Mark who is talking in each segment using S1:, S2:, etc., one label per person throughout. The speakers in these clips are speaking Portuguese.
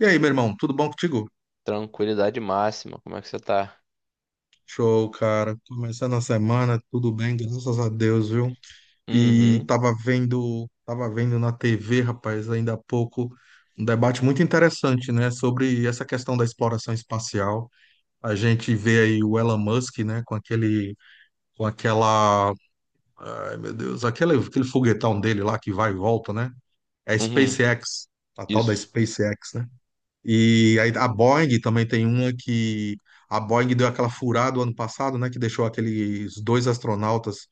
S1: E aí, meu irmão, tudo bom contigo?
S2: Tranquilidade máxima. Como é que você tá?
S1: Show, cara. Começando a semana, tudo bem, graças a Deus, viu? E
S2: Uhum.
S1: tava vendo na TV, rapaz, ainda há pouco, um debate muito interessante, né, sobre essa questão da exploração espacial. A gente vê aí o Elon Musk, né, com aquele, com aquela, ai, meu Deus, aquele, aquele foguetão dele lá que vai e volta, né? É a
S2: Uhum.
S1: SpaceX, a tal da
S2: Isso.
S1: SpaceX, né? E aí a Boeing também tem uma que a Boeing deu aquela furada o ano passado, né, que deixou aqueles dois astronautas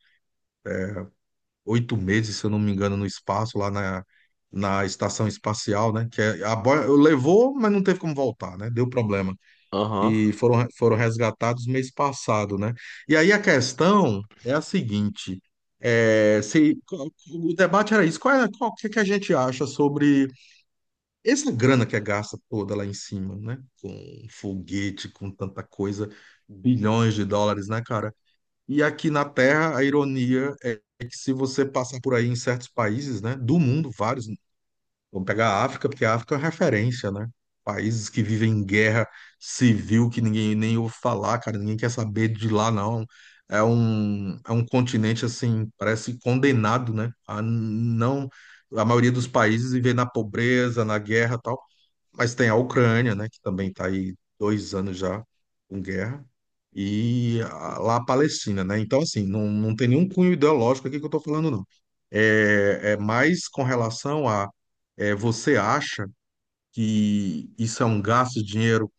S1: 8 meses, se eu não me engano, no espaço lá na estação espacial, né, a Boeing levou, mas não teve como voltar, né, deu problema
S2: Aham.
S1: e foram resgatados mês passado, né. E aí a questão é a seguinte, é, se o debate era isso, qual é, qual o que que a gente acha sobre essa grana que é gasta toda lá em cima, né? Com foguete, com tanta coisa, bilhões de dólares, né, cara? E aqui na Terra, a ironia é que se você passar por aí em certos países, né, do mundo, vários, vamos pegar a África, porque a África é uma referência, né? Países que vivem em guerra civil, que ninguém nem ouve falar, cara, ninguém quer saber de lá, não. É um continente, assim, parece condenado, né? A não, a maioria dos países viver na pobreza, na guerra, tal. Mas tem a Ucrânia, né, que também está aí 2 anos já com guerra, e lá a Palestina, né? Então, assim, não tem nenhum cunho ideológico aqui que eu estou falando, não. É mais com relação a você acha que isso é um gasto de dinheiro?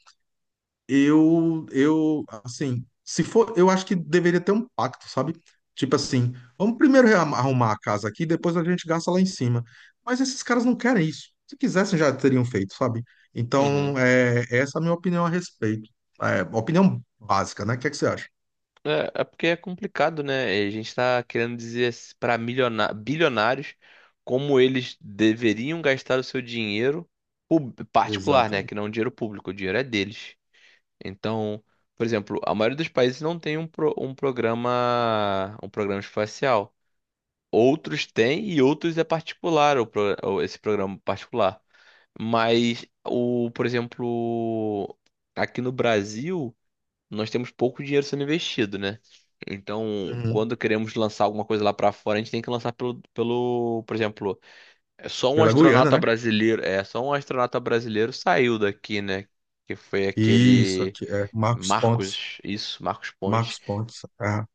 S1: Eu assim, se for, eu acho que deveria ter um pacto, sabe? Tipo assim, vamos primeiro arrumar a casa aqui, depois a gente gasta lá em cima. Mas esses caras não querem isso. Se quisessem, já teriam feito, sabe?
S2: Uhum.
S1: Então, é, essa é a minha opinião a respeito. É, opinião básica, né? O que é que você acha?
S2: É porque é complicado, né? A gente tá querendo dizer para milionários bilionários como eles deveriam gastar o seu dinheiro particular, né? Que
S1: Exatamente.
S2: não é um dinheiro público, o dinheiro é deles. Então, por exemplo, a maioria dos países não tem um programa espacial. Outros têm e outros é particular esse programa particular. Mas por exemplo, aqui no Brasil, nós temos pouco dinheiro sendo investido, né? Então,
S1: Uhum.
S2: quando queremos lançar alguma coisa lá pra fora, a gente tem que lançar por exemplo, é só um
S1: Pela Guiana,
S2: astronauta
S1: né?
S2: brasileiro, é só um astronauta brasileiro saiu daqui, né? Que foi
S1: Isso,
S2: aquele
S1: aqui, é Marcos Pontes.
S2: Marcos, isso, Marcos Pontes.
S1: Marcos Pontes, é,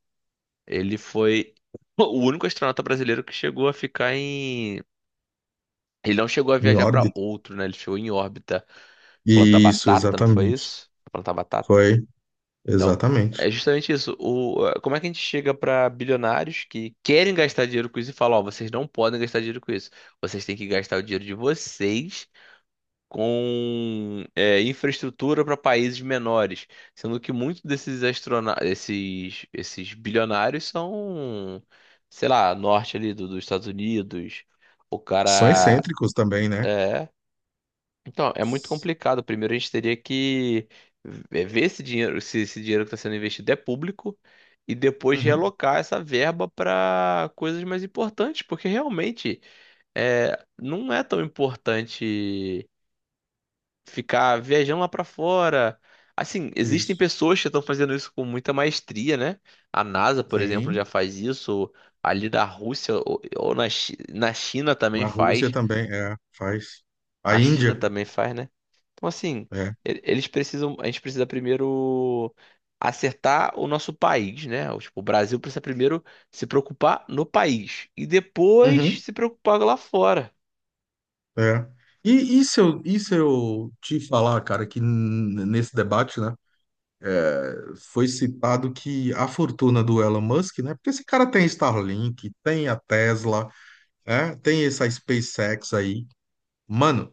S2: Ele foi o único astronauta brasileiro que chegou a ficar em. Ele não chegou a
S1: em
S2: viajar para
S1: órbita.
S2: outro, né? Ele chegou em órbita, plantar
S1: Isso,
S2: batata, não foi
S1: exatamente.
S2: isso? Plantar batata.
S1: Foi,
S2: Então,
S1: exatamente.
S2: é justamente isso. Como é que a gente chega para bilionários que querem gastar dinheiro com isso e fala, ó, vocês não podem gastar dinheiro com isso. Vocês têm que gastar o dinheiro de vocês com infraestrutura para países menores, sendo que muitos desses astrona esses bilionários são, sei lá, norte ali dos Estados Unidos. O
S1: São
S2: cara
S1: excêntricos também, né?
S2: eh, então, é muito complicado. Primeiro, a gente teria que ver esse dinheiro, se esse dinheiro que está sendo investido é público, e depois
S1: Uhum.
S2: realocar essa verba para coisas mais importantes, porque realmente é, não é tão importante ficar viajando lá para fora. Assim, existem
S1: Isso.
S2: pessoas que estão fazendo isso com muita maestria, né? A NASA, por exemplo,
S1: Sim.
S2: já faz isso, ali da Rússia na China também
S1: Na Rússia
S2: faz.
S1: também, é, faz. A
S2: A China
S1: Índia,
S2: também faz, né? Então, assim,
S1: é.
S2: eles precisam. A gente precisa primeiro acertar o nosso país, né? O, tipo, o Brasil precisa primeiro se preocupar no país e depois
S1: Uhum.
S2: se preocupar lá fora.
S1: É. E, e se eu te falar, cara, que nesse debate, né, foi citado que a fortuna do Elon Musk, né, porque esse cara tem Starlink, tem a Tesla, né, tem essa SpaceX aí, mano,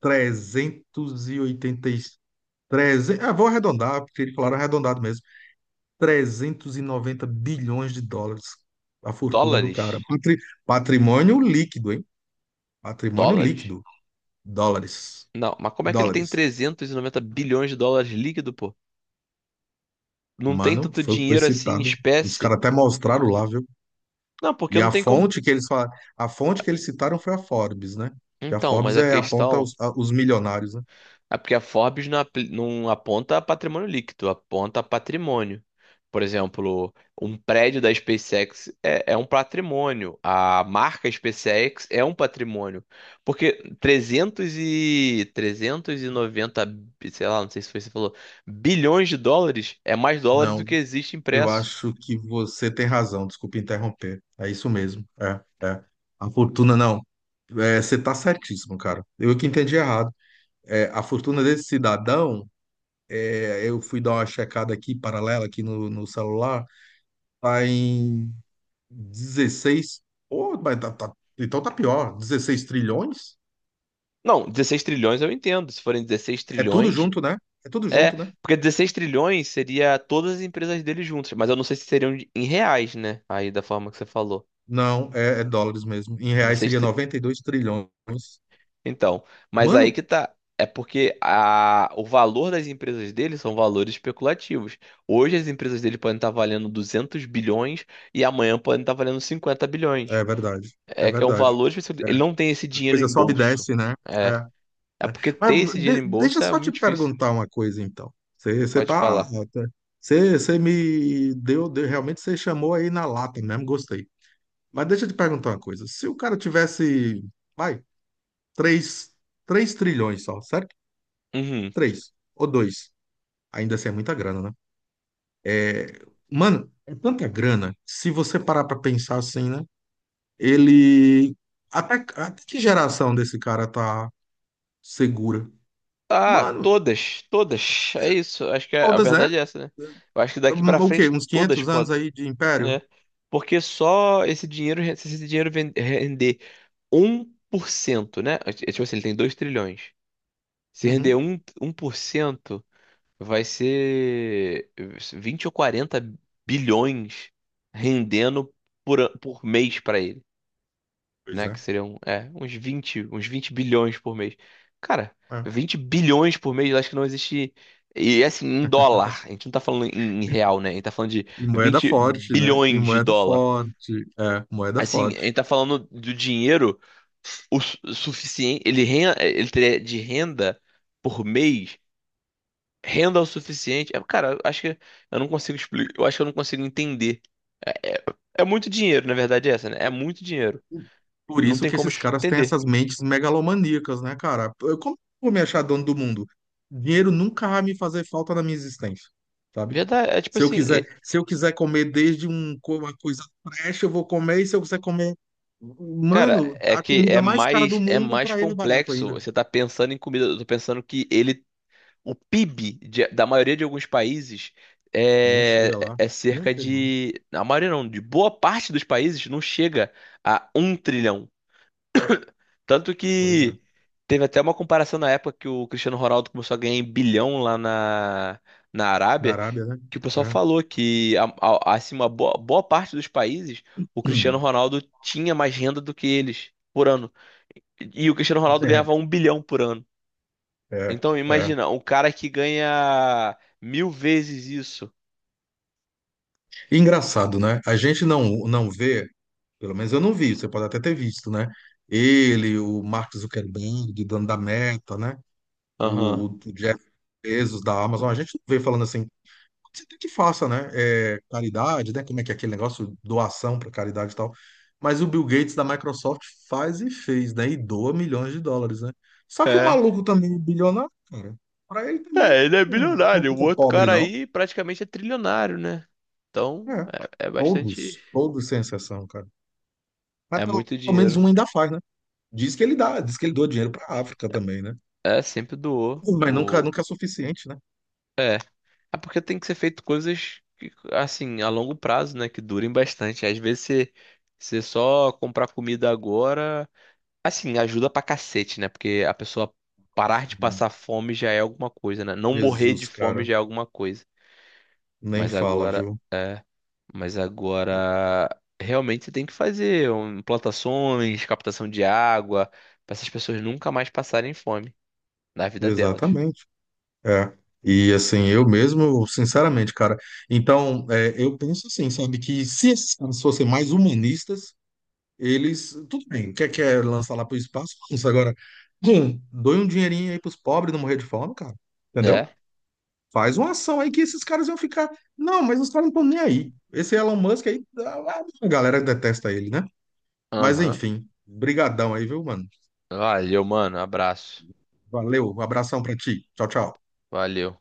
S1: 380 300, ah, vou arredondar, porque eles falaram arredondado mesmo, 390 bilhões de dólares a fortuna do cara.
S2: Dólares?
S1: Patrimônio líquido, hein? Patrimônio
S2: Dólares?
S1: líquido. Dólares.
S2: Não, mas como é que ele tem
S1: Dólares.
S2: 390 bilhões de dólares líquido, pô? Não tem
S1: Mano,
S2: tanto
S1: foi o que foi
S2: dinheiro assim em
S1: citado. Os
S2: espécie?
S1: caras até mostraram lá, viu?
S2: Não, porque
S1: E
S2: não
S1: a
S2: tem como.
S1: fonte que eles falaram, a fonte que eles citaram foi a Forbes, né? Que a
S2: Então, mas
S1: Forbes
S2: a
S1: é aponta
S2: questão.
S1: os, os milionários, né?
S2: É porque a Forbes não aponta patrimônio líquido, aponta patrimônio. Por exemplo, um prédio da SpaceX é um patrimônio, a marca SpaceX é um patrimônio. Porque 300 e 390, sei lá, não sei se foi você falou, bilhões de dólares é mais dólares do
S1: Não,
S2: que existe
S1: eu
S2: impresso.
S1: acho que você tem razão. Desculpa interromper. É isso mesmo. É. A fortuna não. É, você tá certíssimo, cara. Eu que entendi errado. É, a fortuna desse cidadão, é, eu fui dar uma checada aqui, paralela, aqui no celular, tá em 16. Pô, mas então tá pior, 16 trilhões?
S2: Não, dezesseis trilhões eu entendo. Se forem 16
S1: É tudo
S2: trilhões,
S1: junto, né? É tudo
S2: é,
S1: junto, né?
S2: porque 16 trilhões seria todas as empresas dele juntas, mas eu não sei se seriam em reais, né? Aí da forma que você falou.
S1: Não, é dólares mesmo. Em reais
S2: Dezesseis
S1: seria
S2: tri...
S1: 92 trilhões.
S2: Então, mas aí
S1: Mano,
S2: que tá. É porque o valor das empresas dele são valores especulativos. Hoje as empresas dele podem estar valendo 200 bilhões e amanhã podem estar valendo 50 bilhões.
S1: é verdade, é
S2: É que é um
S1: verdade.
S2: valor específico.
S1: É,
S2: Ele não tem esse
S1: a
S2: dinheiro
S1: coisa
S2: em
S1: sobe e
S2: bolso.
S1: desce, né?
S2: É.
S1: É,
S2: É
S1: né?
S2: porque
S1: Mas
S2: ter esse dinheiro em
S1: deixa
S2: bolso
S1: eu
S2: é
S1: só te
S2: muito difícil.
S1: perguntar uma coisa, então. Você você
S2: Pode
S1: tá,
S2: falar.
S1: tá, você você me deu, realmente você chamou aí na lata mesmo, gostei. Mas deixa eu te perguntar uma coisa. Se o cara tivesse, vai, três, 3 trilhões só, certo?
S2: Uhum.
S1: Três ou dois, ainda assim é muita grana, né? Mano, é tanta grana. Se você parar pra pensar assim, né? Ele até que geração desse cara tá segura?
S2: Ah,
S1: Mano,
S2: todas, todas. É isso. Acho que a
S1: todas, né?
S2: verdade é essa, né? Eu acho que daqui pra
S1: Hum, o quê?
S2: frente
S1: Uns
S2: todas
S1: 500 anos
S2: podem,
S1: aí de império?
S2: né? Porque só esse dinheiro, se esse dinheiro render 1%, né? Tipo assim, ele tem 2 trilhões. Se render
S1: Uhum.
S2: um por cento, vai ser 20 ou 40 bilhões rendendo por mês pra ele,
S1: Pois
S2: né?
S1: é.
S2: Que seriam, é, uns 20 bilhões por mês. Cara,
S1: É.
S2: 20 bilhões por mês, eu acho que não existe. E assim, em dólar. A gente não tá falando em, em real, né? A gente tá falando de
S1: E moeda
S2: 20
S1: forte, né? E
S2: bilhões de
S1: moeda
S2: dólar.
S1: forte. É, moeda
S2: Assim, a gente
S1: forte.
S2: tá falando do dinheiro o suficiente. Ele teria de renda por mês. Renda o suficiente. É, cara, eu acho que eu não consigo explicar. Eu acho que eu não consigo entender. É, é, é muito dinheiro, na verdade, é essa, né? É muito dinheiro.
S1: Por
S2: Não
S1: isso
S2: tem
S1: que
S2: como
S1: esses caras têm
S2: entender.
S1: essas mentes megalomaníacas, né, cara? Como eu vou me achar dono do mundo? Dinheiro nunca vai me fazer falta na minha existência, sabe?
S2: Verdade, é tipo
S1: Se eu
S2: assim,
S1: quiser,
S2: é,
S1: se eu quiser comer desde um, uma coisa trash, eu vou comer, e se eu quiser comer,
S2: cara,
S1: mano,
S2: é
S1: a
S2: que
S1: comida mais cara do
S2: é
S1: mundo,
S2: mais
S1: pra ele é barato
S2: complexo.
S1: ainda.
S2: Você tá pensando em comida, eu tô pensando que ele o PIB da maioria de alguns países
S1: Não chega lá.
S2: é
S1: Não
S2: cerca
S1: chega lá.
S2: de, a maioria não, de boa parte dos países não chega a um trilhão. Tanto
S1: Pois é.
S2: que teve até uma comparação na época que o Cristiano Ronaldo começou a ganhar em bilhão lá na
S1: Na
S2: Arábia,
S1: Arábia, né?
S2: que o pessoal
S1: É.
S2: falou que assim boa parte dos países, o Cristiano
S1: Hum.
S2: Ronaldo tinha mais renda do que eles por ano. E o Cristiano Ronaldo ganhava um bilhão por ano.
S1: É,
S2: Então
S1: é, é.
S2: imagina, um cara que ganha mil vezes isso.
S1: Engraçado, né? A gente não vê, pelo menos eu não vi, você pode até ter visto, né? Ele, o Mark Zuckerberg, dono da Meta, né?
S2: Aham.
S1: O Jeff Bezos da Amazon, a gente não vê falando assim, você tem que faça, né? É, caridade, né? Como é que é aquele negócio, doação para caridade e tal. Mas o Bill Gates da Microsoft faz e fez, né? E doa milhões de dólares, né? Só que o
S2: É.
S1: maluco também, é bilionário, cara, para ele também
S2: É, ele é
S1: não
S2: bilionário. O
S1: fica
S2: outro
S1: pobre,
S2: cara
S1: não.
S2: aí praticamente é trilionário, né? Então
S1: É.
S2: é, é bastante.
S1: Todos, todos sem exceção, cara. Mas
S2: É
S1: pelo
S2: muito
S1: menos
S2: dinheiro.
S1: um ainda faz, né? Diz que ele dá, diz que ele doa dinheiro para a África também, né?
S2: É, sempre doou.
S1: Mas nunca,
S2: O...
S1: nunca é suficiente, né?
S2: É porque tem que ser feito coisas que, assim, a longo prazo, né? Que durem bastante. Às vezes você, você só comprar comida agora. Assim, ajuda pra cacete, né? Porque a pessoa parar
S1: Nossa,
S2: de
S1: mano.
S2: passar fome já é alguma coisa, né? Não morrer de
S1: Jesus,
S2: fome
S1: cara,
S2: já é alguma coisa.
S1: nem
S2: Mas
S1: fala,
S2: agora,
S1: viu?
S2: é, mas agora realmente você tem que fazer um, plantações, captação de água, pra essas pessoas nunca mais passarem fome na vida delas,
S1: Exatamente. É. E assim, eu mesmo, sinceramente, cara. Então, é, eu penso assim, sabe, que se esses caras fossem mais humanistas, eles. Tudo bem, quer lançar lá pro espaço? Lança agora. Doe um dinheirinho aí pros pobres não morrer de fome, cara. Entendeu?
S2: né?
S1: Faz uma ação aí que esses caras iam ficar. Não, mas os caras não estão nem aí. Esse Elon Musk aí, a galera detesta ele, né? Mas
S2: Aham.
S1: enfim, brigadão aí, viu, mano?
S2: Valeu, mano. Abraço.
S1: Valeu, um abração pra ti. Tchau, tchau.
S2: Valeu.